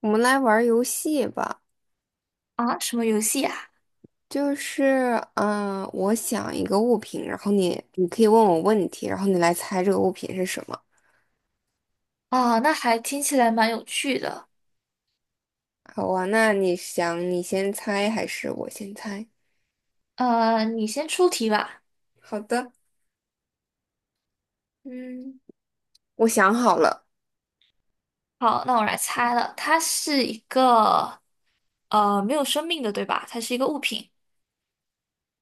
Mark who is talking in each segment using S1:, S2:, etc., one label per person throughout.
S1: 我们来玩儿游戏吧，
S2: 啊，什么游戏呀？
S1: 我想一个物品，然后你可以问我问题，然后你来猜这个物品是什么。
S2: 啊，哦那还听起来蛮有趣的。
S1: 好啊，那你想你先猜还是我先猜？
S2: 你先出题吧。
S1: 好的。嗯，我想好了。
S2: 好，那我来猜了，它是一个没有生命的，对吧？它是一个物品。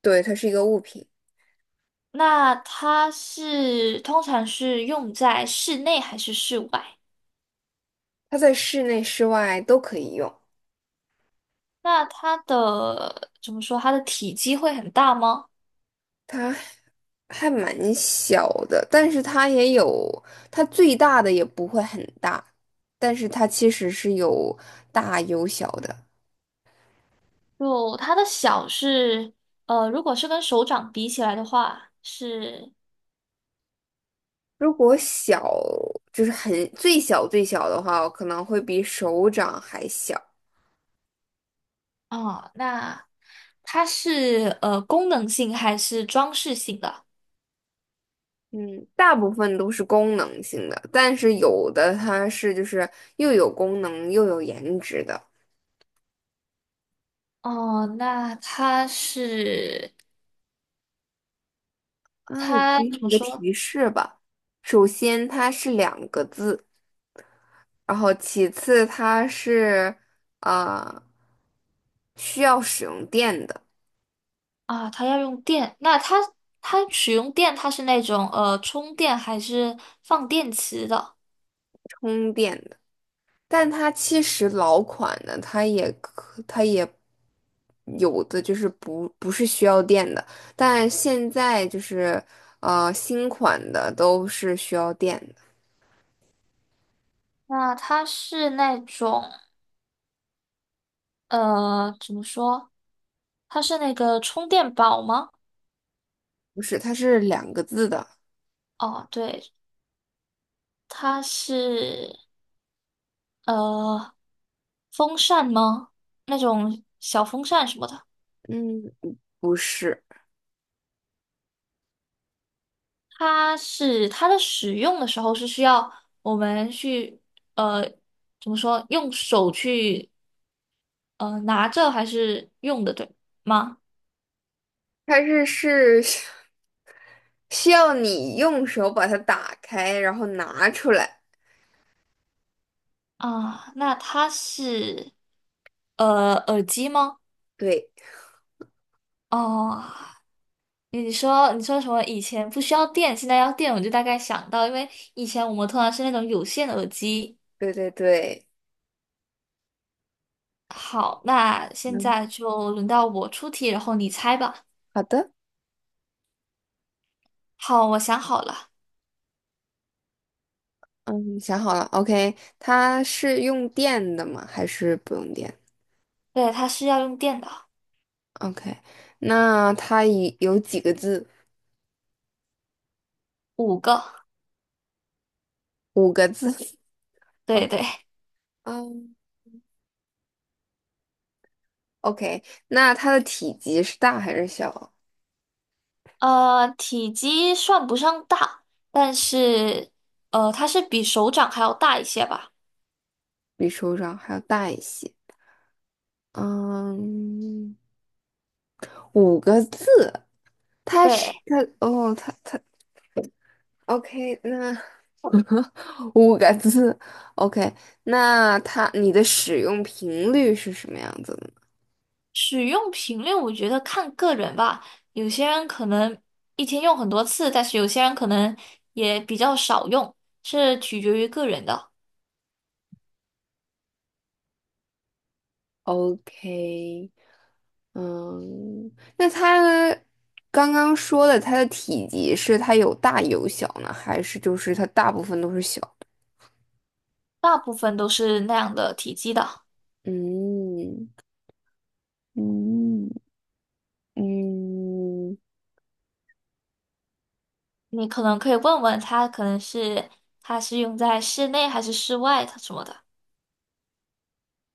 S1: 对，它是一个物品，
S2: 那它是通常是用在室内还是室外？
S1: 它在室内、室外都可以用，
S2: 那它的怎么说？它的体积会很大吗？
S1: 它还蛮小的，但是它也有，它最大的也不会很大，但是它其实是有大有小的。
S2: 就它的小是如果是跟手掌比起来的话，是
S1: 如果小，就是很最小最小的话，我可能会比手掌还小。
S2: 哦，那它是功能性还是装饰性的？
S1: 嗯，大部分都是功能性的，但是有的它是就是又有功能又有颜值的。
S2: 哦，那它是
S1: 啊，我
S2: 它
S1: 给
S2: 怎么
S1: 你个
S2: 说
S1: 提示吧。首先，它是两个字，然后其次它是啊、呃需要使用电的，
S2: 啊？它要用电，那它使用电，它是那种充电还是放电池的？
S1: 充电的。但它其实老款的，它也可，它也有的就是不是需要电的，但现在就是新款的都是需要电的。
S2: 那它是那种怎么说？它是那个充电宝吗？
S1: 不是，它是两个字的。
S2: 哦，对，它是呃风扇吗？那种小风扇什么的。
S1: 嗯，不是，
S2: 它是它的使用的时候是需要我们去呃怎么说用手去拿着还是用的对吗？
S1: 它是 需要你用手把它打开，然后拿出来。
S2: 啊，那它是耳机吗？
S1: 对。
S2: 哦，你说什么？以前不需要电，现在要电，我就大概想到，因为以前我们通常是那种有线耳机。
S1: 对对对。
S2: 好，那现
S1: 嗯，
S2: 在就轮到我出题，然后你猜吧。
S1: 好的。
S2: 好，我想好了，
S1: 嗯，想好了。OK，它是用电的吗？还是不用电？
S2: 对，它是要用电的，
S1: OK，那它以有几个字？
S2: 五个。
S1: 五个字。
S2: 对
S1: OK。
S2: 对，
S1: 嗯，OK，那它的体积是大还是小？
S2: 体积算不上大，但是它是比手掌还要大一些吧。
S1: 比手掌还要大一些。嗯，五个字，它是
S2: 对，
S1: 它哦，它它 OK。那五个字 OK，那它你的使用频率是什么样子的？
S2: 使用频率我觉得看个人吧，有些人可能一天用很多次，但是有些人可能也比较少用，是取决于个人的。
S1: OK。嗯，那它刚刚说的它的体积是它有大有小呢，还是就是它大部分都是小的？
S2: 大部分都是那样的体积的，
S1: 嗯嗯嗯
S2: 你可能可以问问他，可能是它是用在室内还是室外，的什么的，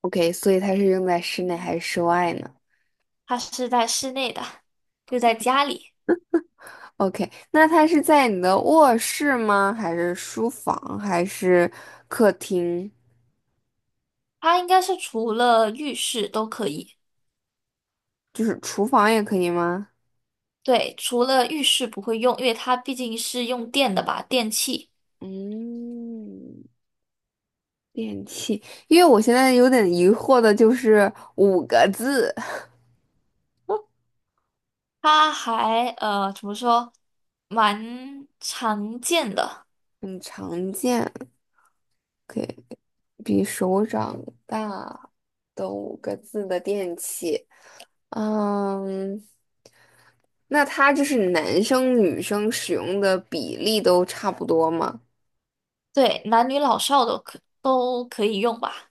S1: ，OK，所以它是用在室内还是室外呢
S2: 它是在室内的，就在家里。
S1: ？OK，那它是在你的卧室吗？还是书房？还是客厅？
S2: 它应该是除了浴室都可以，
S1: 就是厨房也可以吗？
S2: 对，除了浴室不会用，因为它毕竟是用电的吧，电器。
S1: 嗯。电器，因为我现在有点疑惑的就是五个字，
S2: 它还怎么说，蛮常见的，
S1: 很常见，可以比手掌大的五个字的电器。嗯，那它就是男生女生使用的比例都差不多吗？
S2: 对，男女老少都可以用吧。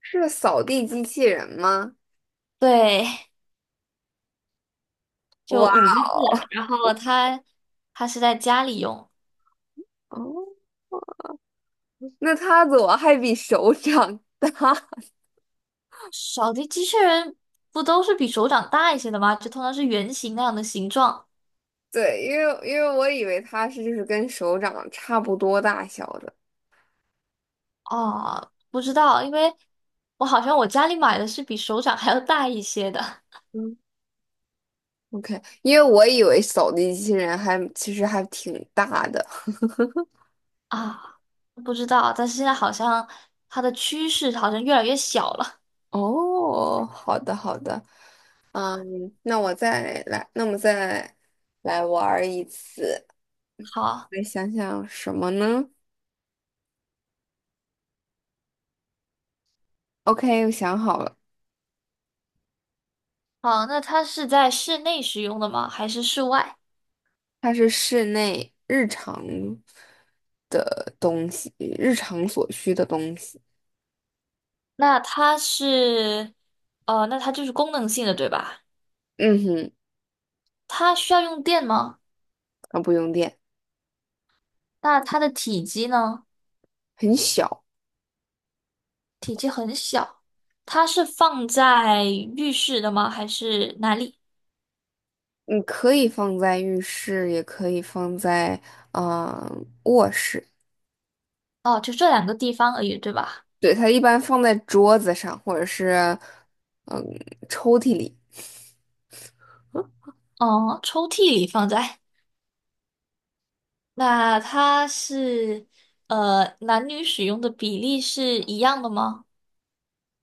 S1: 是扫地机器人吗？
S2: 对，就
S1: 哇
S2: 五个字啊然后它是在家里用，
S1: 哦。那它怎么还比手掌？
S2: 扫地机器人不都是比手掌大一些的吗？就通常是圆形那样的形状。
S1: 对，因为我以为它是就是跟手掌差不多大小的。
S2: 哦，不知道，因为我好像我家里买的是比手掌还要大一些的
S1: OK，因为我以为扫地机器人还其实还挺大的。
S2: 啊，不知道，但是现在好像它的趋势好像越来越小了。
S1: 哦，好的好的。嗯，那我再来，那我们再来玩儿一次。
S2: 好，
S1: 来想想什么呢？OK，我想好了。
S2: 好，那它是在室内使用的吗？还是室外？
S1: 它是室内日常的东西，日常所需的东西。
S2: 那它是，那它就是功能性的，对吧？
S1: 嗯哼。
S2: 它需要用电吗？
S1: 啊，不用电。
S2: 那它的体积呢？
S1: 很小。
S2: 它是放在浴室的吗？还是哪里？
S1: 你可以放在浴室，也可以放在嗯、呃卧室。
S2: 哦，就这两个地方而已，对吧？
S1: 对，它一般放在桌子上，或者是嗯抽屉里。
S2: 哦，抽屉里放在。那它是男女使用的比例是一样的吗？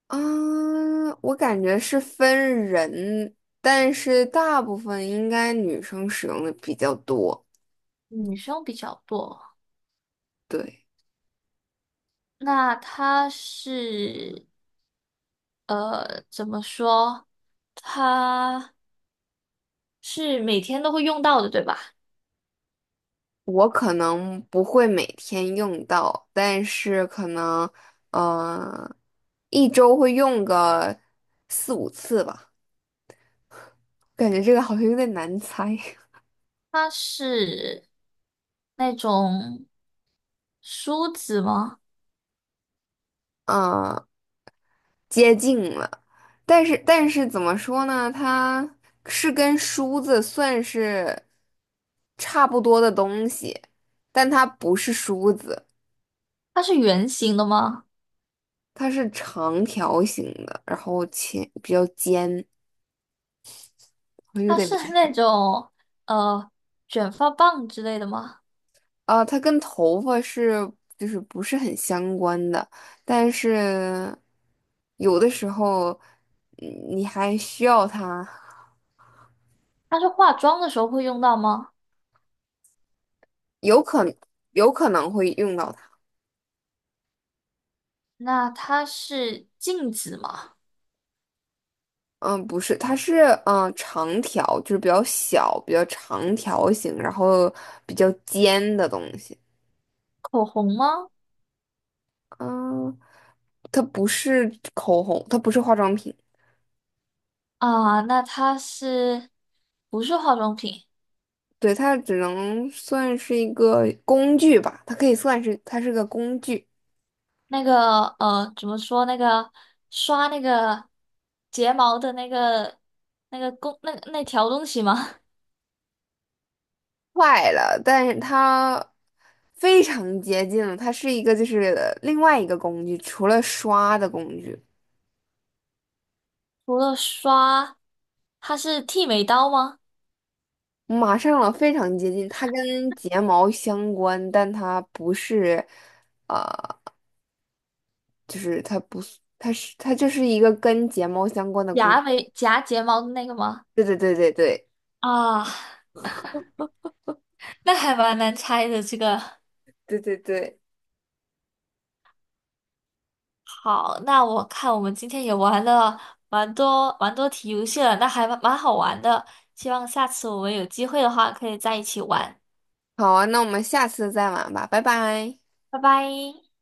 S1: 啊，我感觉是分人，但是大部分应该女生使用的比较多。
S2: 女生比较多。
S1: 对。
S2: 那它是怎么说？它是每天都会用到的，对吧？
S1: 我可能不会每天用到，但是可能嗯一周会用个四五次吧。感觉这个好像有点难猜。
S2: 它是那种梳子吗？
S1: 啊。接近了，但是怎么说呢？它是跟梳子算是差不多的东西，但它不是梳子。
S2: 它是圆形的吗？
S1: 它是长条形的，然后前比较尖，我有
S2: 它
S1: 点
S2: 是
S1: 明
S2: 那种呃卷发棒之类的吗？
S1: 啊，它跟头发是就是不是很相关的，但是有的时候嗯你还需要它。
S2: 它是化妆的时候会用到吗？
S1: 有可有可能会用到。它。
S2: 那它是镜子吗？
S1: 嗯，不是，它是长条，就是比较小、比较长条形，然后比较尖的东西。
S2: 口红吗？
S1: 嗯，它不是口红，它不是化妆品。
S2: 啊，那它是不是化妆品？
S1: 对，它只能算是一个工具吧，它可以算是它是个工具。
S2: 那个怎么说？那个刷那个睫毛的那个那个工那条东西吗？
S1: 坏了，但是它非常接近了，它是一个就是另外一个工具，除了刷的工具。
S2: 除了刷，它是剃眉刀吗？
S1: 马上了，非常接近。它跟睫毛相关，但它不是，呃，就是它不是，它是它就是一个跟睫毛相关的工。
S2: 夹眉夹睫毛的那个吗？
S1: 对对对对对
S2: 啊，那还蛮难猜的这个。
S1: 对对对。
S2: 好，那我看我们今天也玩了蛮多题游戏了，那还蛮好玩的。希望下次我们有机会的话，可以在一起玩。
S1: 好啊，那我们下次再玩吧，拜拜。
S2: 拜拜。